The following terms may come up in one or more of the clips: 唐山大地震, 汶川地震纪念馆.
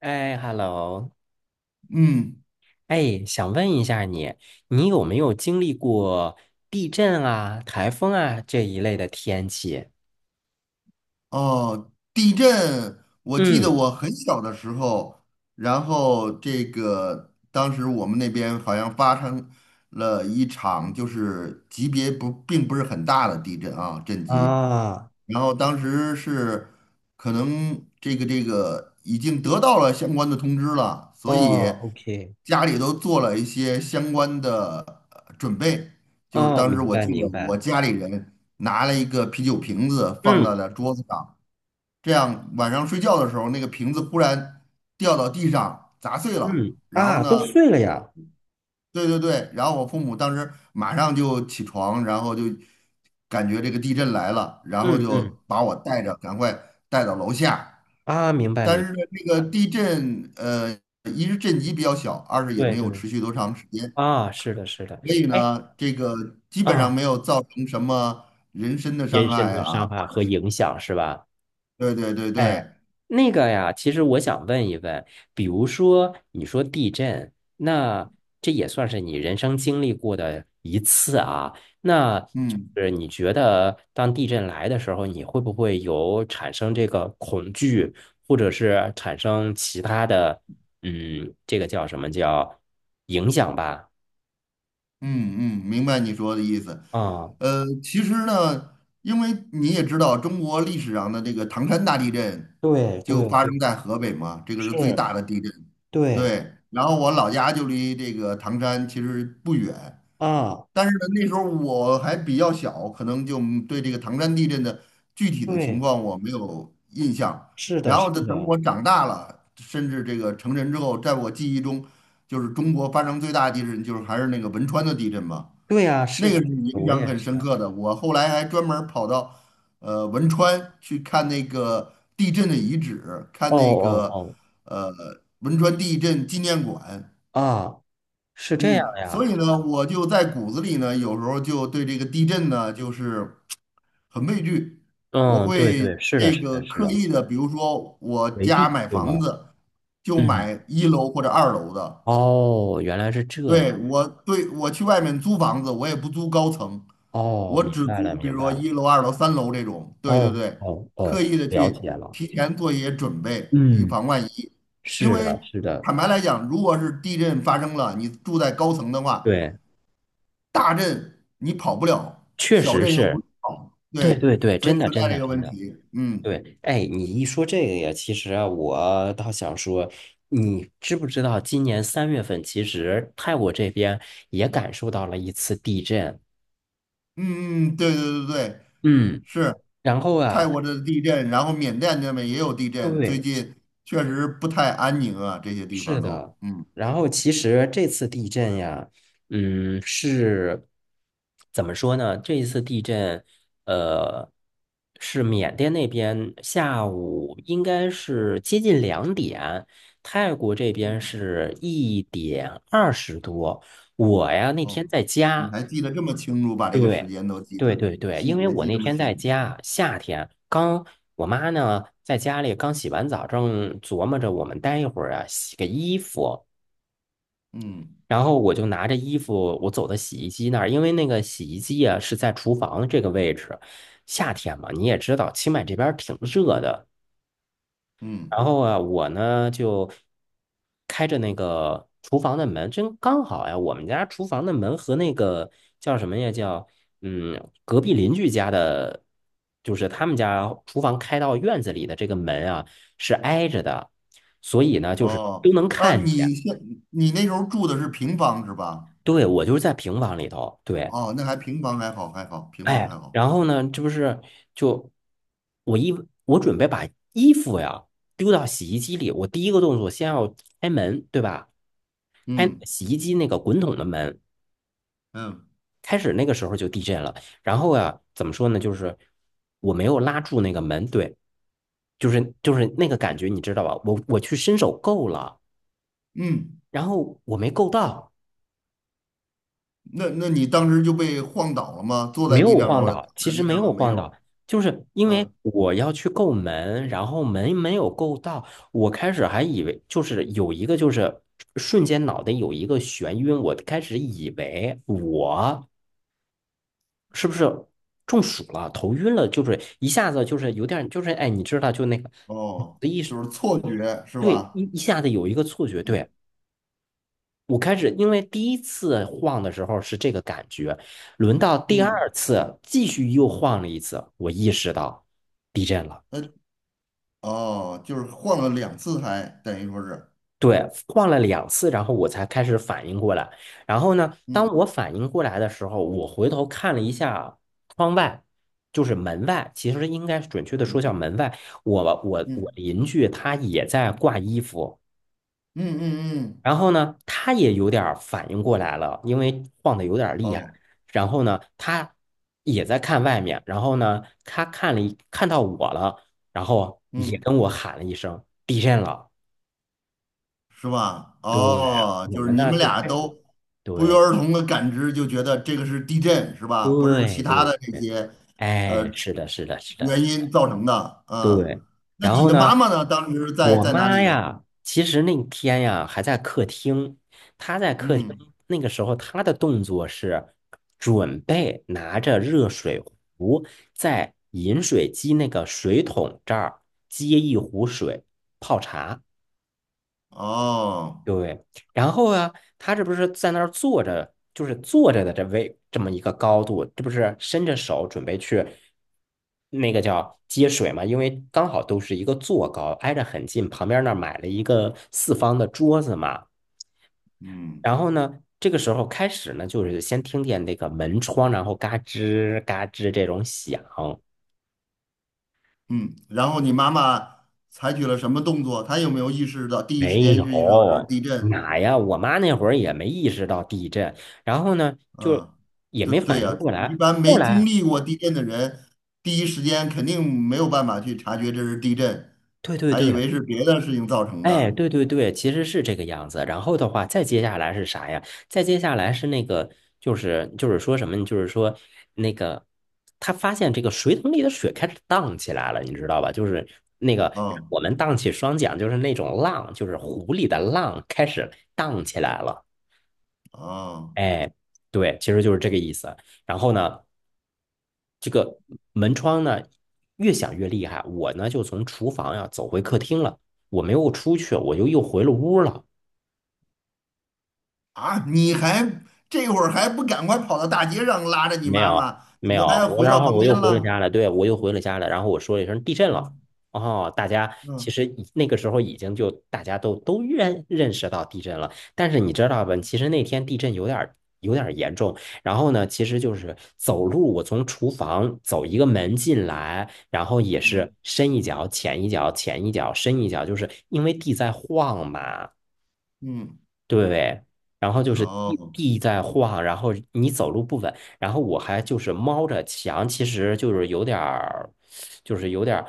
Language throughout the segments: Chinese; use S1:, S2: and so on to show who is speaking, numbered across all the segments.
S1: 哎，hello。
S2: 嗯。
S1: 哎，想问一下你，你有没有经历过地震啊、台风啊这一类的天气？
S2: 哦，地震，我记得
S1: 嗯。
S2: 我很小的时候，这个当时我们那边好像发生了一场，就是级别不并不是很大的地震啊，震级。
S1: 啊。
S2: 然后当时是可能这个已经得到了相关的通知了，所以
S1: 哦，OK。
S2: 家里都做了一些相关的准备。就是
S1: 哦，
S2: 当时
S1: 明
S2: 我
S1: 白
S2: 记得
S1: 明
S2: 我
S1: 白。
S2: 家里人拿了一个啤酒瓶子放
S1: 嗯
S2: 在了桌子上，这样晚上睡觉的时候，那个瓶子忽然掉到地上砸碎了，
S1: 嗯。
S2: 然后
S1: 啊，都
S2: 呢。
S1: 碎了呀。
S2: 对对对，然后我父母当时马上就起床，然后就感觉这个地震来了，然后
S1: 嗯
S2: 就
S1: 嗯。
S2: 把我带着赶快带到楼下。
S1: 啊，明白明
S2: 但
S1: 白。
S2: 是呢，这个地震，一是震级比较小，二是也
S1: 对
S2: 没
S1: 对。
S2: 有持续多长时间，
S1: 啊，是的，是的。
S2: 所以
S1: 哎。
S2: 呢，这个基本
S1: 啊，
S2: 上没有造成什么人身的
S1: 延
S2: 伤
S1: 伸
S2: 害
S1: 的伤
S2: 啊。
S1: 害和影响是吧？
S2: 对对对对，
S1: 哎，那个呀，其实我想问一问，比如说你说地震，那这也算是你人生经历过的一次啊。那
S2: 嗯。
S1: 就是你觉得当地震来的时候，你会不会有产生这个恐惧，或者是产生其他的，嗯，这个叫什么叫影响吧？
S2: 嗯嗯，明白你说的意思。
S1: 啊，
S2: 其实呢，因为你也知道，中国历史上的这个唐山大地震
S1: 对
S2: 就
S1: 对
S2: 发
S1: 对。
S2: 生在河北嘛，这个是最
S1: 是，
S2: 大的地震。
S1: 对
S2: 对，然后我老家就离这个唐山其实不远，
S1: 啊，
S2: 但是呢，那时候我还比较小，可能就对这个唐山地震的具体的情
S1: 对，
S2: 况我没有印象。
S1: 是的，
S2: 然
S1: 是
S2: 后呢，等
S1: 的。
S2: 我长大了，甚至这个成人之后，在我记忆中，就是中国发生最大的地震，就是还是那个汶川的地震嘛，
S1: 对呀，是
S2: 那
S1: 的，
S2: 个是影
S1: 我
S2: 响
S1: 也
S2: 很
S1: 是。
S2: 深刻的。我后来还专门儿跑到汶川去看那个地震的遗址，看
S1: 哦
S2: 那个
S1: 哦
S2: 呃汶川地震纪念馆。
S1: 哦。啊，是这样
S2: 嗯，所
S1: 呀。
S2: 以呢，我就在骨子里呢，有时候就对这个地震呢，就是很畏惧。我
S1: 嗯，对
S2: 会
S1: 对，是的，
S2: 这
S1: 是
S2: 个
S1: 的，是
S2: 刻
S1: 的。
S2: 意的，比如说我
S1: 回
S2: 家
S1: 避，
S2: 买
S1: 对
S2: 房
S1: 吗？
S2: 子，就
S1: 嗯。
S2: 买一楼或者二楼的。
S1: 哦，原来是这样。
S2: 对，我去外面租房子，我也不租高层，
S1: 哦，
S2: 我
S1: 明
S2: 只
S1: 白
S2: 租
S1: 了，
S2: 比
S1: 明
S2: 如说
S1: 白了。
S2: 一楼、二楼、三楼这种。对对
S1: 哦
S2: 对，
S1: 哦
S2: 刻
S1: 哦，
S2: 意的
S1: 了
S2: 去
S1: 解了。
S2: 提前做一些准备，以
S1: 嗯，
S2: 防万一。因
S1: 是的，
S2: 为
S1: 是的。
S2: 坦白来讲，如果是地震发生了，你住在高层的话，
S1: 对，
S2: 大震你跑不了，
S1: 确
S2: 小
S1: 实
S2: 震又不
S1: 是。
S2: 是跑，
S1: 对
S2: 对，
S1: 对对，
S2: 所
S1: 真
S2: 以
S1: 的
S2: 存
S1: 真
S2: 在这
S1: 的
S2: 个
S1: 真
S2: 问
S1: 的。
S2: 题。嗯。
S1: 对。哎，你一说这个呀，其实啊，我倒想说，你知不知道，今年3月份，其实泰国这边也感受到了一次地震。
S2: 嗯嗯，对对对对，
S1: 嗯。
S2: 是
S1: 然后
S2: 泰
S1: 啊，
S2: 国的地震，然后缅甸那边也有地震，最
S1: 对。嗯，
S2: 近确实不太安宁啊，这些地
S1: 是
S2: 方都。
S1: 的。
S2: 嗯。
S1: 然后其实这次地震呀，嗯，是怎么说呢？这一次地震，呃，是缅甸那边下午应该是接近2点，泰国这边
S2: 嗯，
S1: 是1点20多。我呀，那天
S2: 哦，
S1: 在
S2: 你
S1: 家。
S2: 还记得这么清楚，把这个时
S1: 对。
S2: 间都记得，
S1: 对对对，因
S2: 细
S1: 为
S2: 节
S1: 我
S2: 记
S1: 那
S2: 这么
S1: 天
S2: 清
S1: 在
S2: 楚。
S1: 家，夏天刚，我妈呢在家里刚洗完澡，正琢磨着我们待一会儿啊洗个衣服。
S2: 嗯
S1: 然后我就拿着衣服，我走到洗衣机那儿，因为那个洗衣机啊是在厨房这个位置，夏天嘛，你也知道，清迈这边儿挺热的。
S2: 嗯。
S1: 然后啊，我呢就开着那个厨房的门，真刚好呀。我们家厨房的门和那个叫什么呀？叫隔壁邻居家的，就是他们家厨房开到院子里的这个门啊，是挨着的，所以呢，就是
S2: 哦，
S1: 都能
S2: 啊，
S1: 看见。
S2: 你那时候住的是平房是吧？
S1: 对，我就是在平房里头。对。
S2: 哦，那还平房还好还好，平房
S1: 哎，
S2: 还好。
S1: 然后呢，这不是就我一我准备把衣服呀丢到洗衣机里，我第一个动作先要开门，对吧？开那
S2: 嗯
S1: 个洗衣机那个滚筒的门，
S2: 嗯。
S1: 开始那个时候就地震了。然后呀，怎么说呢？就是我没有拉住那个门。对。就是那个感觉，你知道吧？我去伸手够了，
S2: 嗯，
S1: 然后我没够到。
S2: 那那你当时就被晃倒了吗？坐
S1: 没
S2: 在
S1: 有
S2: 地上了，
S1: 晃
S2: 或者躺
S1: 倒，其
S2: 在
S1: 实
S2: 地
S1: 没
S2: 上了
S1: 有
S2: 没
S1: 晃倒，
S2: 有？
S1: 就是因为
S2: 嗯，
S1: 我要去够门，然后门没有够到。我开始还以为就是有一个，就是瞬间脑袋有一个眩晕，我开始以为我。是不是中暑了、头晕了，就是一下子就是有点儿就是哎，你知道就那个
S2: 哦，
S1: 的一
S2: 就是错
S1: 一
S2: 觉是
S1: 对一
S2: 吧？
S1: 一下子有一个错觉。
S2: 嗯
S1: 对。我开始，因为第一次晃的时候是这个感觉，轮到第二
S2: 嗯，
S1: 次继续又晃了一次，我意识到地震了。
S2: 那哦，就是晃了两次还等于说是。
S1: 对，晃了两次，然后我才开始反应过来。然后呢，当
S2: 嗯
S1: 我反应过来的时候，我回头看了一下窗外，就是门外，其实应该准确的说
S2: 嗯
S1: 叫门外。我
S2: 嗯
S1: 邻居他也在挂衣服。
S2: 嗯嗯嗯，
S1: 然后呢，他也有点儿反应过来了，因为晃的有点儿厉害。
S2: 哦，
S1: 然后呢，他也在看外面，然后呢，他看了一看到我了，然后也
S2: 嗯，
S1: 跟我喊了一声地震了。
S2: 是吧？
S1: 对，
S2: 哦，
S1: 我
S2: 就是
S1: 们
S2: 你
S1: 呢
S2: 们
S1: 就
S2: 俩
S1: 开始。
S2: 都不约
S1: 对
S2: 而同的感知，就觉得这个是地震是吧？不是
S1: 对
S2: 其他
S1: 对
S2: 的这
S1: 对。
S2: 些，呃
S1: 哎，是的，是的，是的。
S2: 原因造成的。嗯，
S1: 对。
S2: 那
S1: 然
S2: 你
S1: 后
S2: 的
S1: 呢，
S2: 妈妈呢？当时在
S1: 我
S2: 在哪
S1: 妈
S2: 里？
S1: 呀，其实那天呀还在客厅，她在客厅
S2: 嗯，
S1: 那个时候，她的动作是准备拿着热水壶在饮水机那个水桶这儿接一壶水泡茶。
S2: 哦。
S1: 对。然后啊，他这不是在那儿坐着，就是坐着的这位这么一个高度，这不是伸着手准备去那个叫接水嘛？因为刚好都是一个坐高，挨着很近，旁边那儿买了一个四方的桌子嘛。
S2: 嗯
S1: 然后呢，这个时候开始呢，就是先听见那个门窗，然后嘎吱嘎吱这种响。
S2: 嗯，然后你妈妈采取了什么动作？她有没有意识到第一时
S1: 没
S2: 间就意识到这是
S1: 有，
S2: 地震？
S1: 哪呀？我妈那会儿也没意识到地震，然后呢，就
S2: 嗯，
S1: 也
S2: 对
S1: 没
S2: 对
S1: 反应
S2: 呀，
S1: 过
S2: 一
S1: 来。
S2: 般
S1: 后
S2: 没经
S1: 来，
S2: 历过地震的人，第一时间肯定没有办法去察觉这是地震，
S1: 对对
S2: 还以
S1: 对。
S2: 为是别的事情造成
S1: 哎，
S2: 的。
S1: 对对对，其实是这个样子。然后的话，再接下来是啥呀？再接下来是那个，就是说什么呢，就是说那个，他发现这个水桶里的水开始荡起来了，你知道吧？就是那个
S2: 嗯，
S1: 我们荡起双桨，就是那种浪，就是湖里的浪开始荡起来了。
S2: 哦。
S1: 哎，对，其实就是这个意思。然后呢？这个门窗呢越响越厉害，我呢就从厨房呀、啊走回客厅了，我没有出去，我就又回了屋了。
S2: 啊，你还这会儿还不赶快跑到大街上拉着你
S1: 没
S2: 妈
S1: 有，
S2: 妈，怎
S1: 没
S2: 么
S1: 有，
S2: 还
S1: 我
S2: 回
S1: 然
S2: 到
S1: 后
S2: 房
S1: 我
S2: 间
S1: 又回了
S2: 了？
S1: 家了。对，我又回了家了，然后我说了一声地震了。
S2: 嗯
S1: 哦，大家其
S2: 嗯
S1: 实已那个时候已经就大家都认识到地震了，但是你知道吧，其实那天地震有点儿严重。然后呢，其实就是走路，我从厨房走一个门进来，然后也是
S2: 嗯
S1: 深一脚浅一脚浅一脚深一脚，就是因为地在晃嘛。
S2: 嗯。
S1: 对。然后就是地
S2: 哦
S1: 地在晃，然后你走路不稳，然后我还就是猫着墙，其实就是有点儿，就是有点儿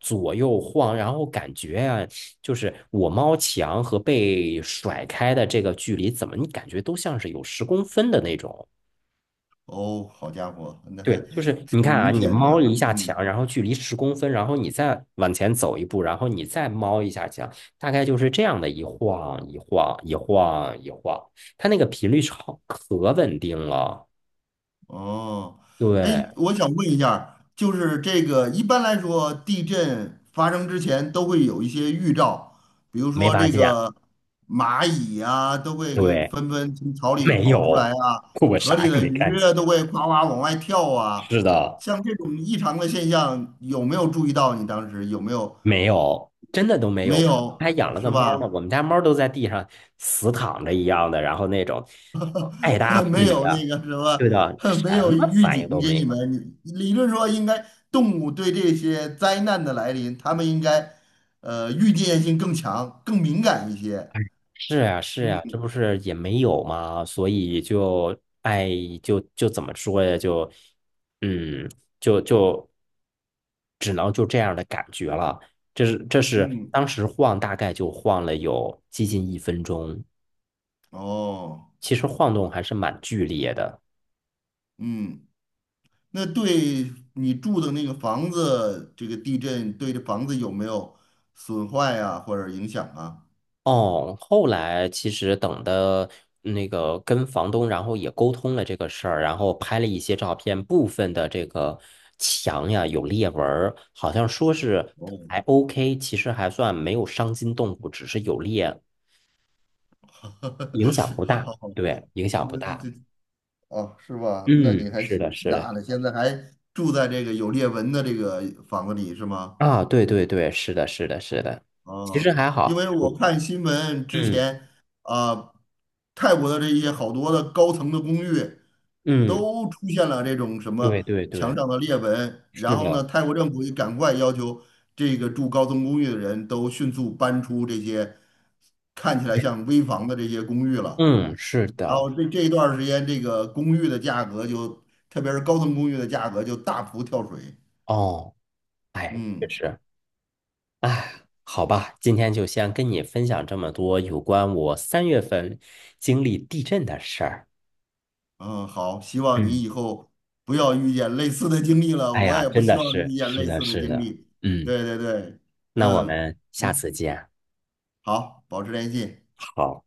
S1: 左右晃，然后感觉呀，就是我猫墙和被甩开的这个距离，怎么你感觉都像是有十公分的那种。
S2: 哦，好家伙，那
S1: 对，
S2: 还
S1: 就是你
S2: 挺
S1: 看啊，
S2: 明
S1: 你
S2: 显的
S1: 猫
S2: 啊。
S1: 一下
S2: 嗯。
S1: 墙，然后距离十公分，然后你再往前走一步，然后你再猫一下墙，大概就是这样的一晃一晃一晃一晃，它那个频率超可稳定了。
S2: 哦，哎，
S1: 对。
S2: 我想问一下儿就是这个一般来说，地震发生之前都会有一些预兆，比如
S1: 没
S2: 说
S1: 发
S2: 这
S1: 现。
S2: 个蚂蚁啊，都会给
S1: 对，
S2: 纷纷从草里
S1: 没
S2: 跑出来
S1: 有，
S2: 啊，
S1: 我
S2: 河
S1: 啥
S2: 里
S1: 也
S2: 的
S1: 没
S2: 鱼
S1: 看见。
S2: 啊都会哗哗往外跳啊，
S1: 是的。
S2: 像这种异常的现象，有没有注意到？你当时有没有？
S1: 没有，真的都没
S2: 没
S1: 有。还
S2: 有，
S1: 养了个
S2: 是
S1: 猫呢，
S2: 吧？
S1: 我们家猫都在地上死躺着一样的，然后那种爱搭 不
S2: 没
S1: 理
S2: 有那
S1: 的。
S2: 个什么，
S1: 对的，什
S2: 没有
S1: 么
S2: 预
S1: 反应
S2: 警
S1: 都
S2: 给
S1: 没
S2: 你
S1: 有。
S2: 们。理论说，应该动物对这些灾难的来临，它们应该预见性更强、更敏感一些。
S1: 是呀，是呀，这
S2: 嗯
S1: 不是也没有吗？所以就哎，就就怎么说呀？就嗯，就就只能就这样的感觉了。这是这是
S2: 嗯，
S1: 当时晃，大概就晃了有接近1分钟，
S2: 哦，
S1: 其实晃动还是蛮剧烈的。
S2: 嗯，那对你住的那个房子，这个地震对这房子有没有损坏啊，或者影响啊？
S1: 哦，后来其实等的那个跟房东，然后也沟通了这个事儿，然后拍了一些照片，部分的这个墙呀有裂纹儿，好像说是
S2: 哦，
S1: 还 OK，其实还算没有伤筋动骨，只是有裂，影响不
S2: 好
S1: 大。
S2: 好好，
S1: 对，影响不
S2: 那这
S1: 大。
S2: 这哦，是吧？那你
S1: 嗯，
S2: 还
S1: 是
S2: 挺
S1: 的，是的。
S2: 大的，现在还住在这个有裂纹的这个房子里是吗？
S1: 啊，对对对，是的，是的，是的，其实
S2: 哦，
S1: 还
S2: 因
S1: 好。
S2: 为我看新闻之
S1: 嗯
S2: 前啊，泰国的这些好多的高层的公寓
S1: 嗯。嗯，
S2: 都出现了这种什么
S1: 对对
S2: 墙
S1: 对，
S2: 上的裂纹，
S1: 是
S2: 然后呢，
S1: 的。
S2: 泰国政府也赶快要求这个住高层公寓的人都迅速搬出这些看起来像危房的这些公寓了。
S1: 嗯，是
S2: 然后
S1: 的。
S2: 这一段儿时间，这个公寓的价格就，特别是高层公寓的价格就大幅跳水。
S1: 哦。哎，确
S2: 嗯
S1: 实。哎，好吧，今天就先跟你分享这么多有关我三月份经历地震的事儿。
S2: 嗯，好，希望
S1: 嗯。
S2: 你以后不要遇见类似的经历了，
S1: 哎
S2: 我
S1: 呀，
S2: 也不
S1: 真
S2: 希
S1: 的
S2: 望
S1: 是，
S2: 遇见
S1: 是
S2: 类
S1: 的，
S2: 似的
S1: 是
S2: 经
S1: 的。
S2: 历。
S1: 嗯，
S2: 对对对，
S1: 那我
S2: 嗯，
S1: 们下次
S2: 行，
S1: 见。
S2: 好，保持联系。
S1: 好。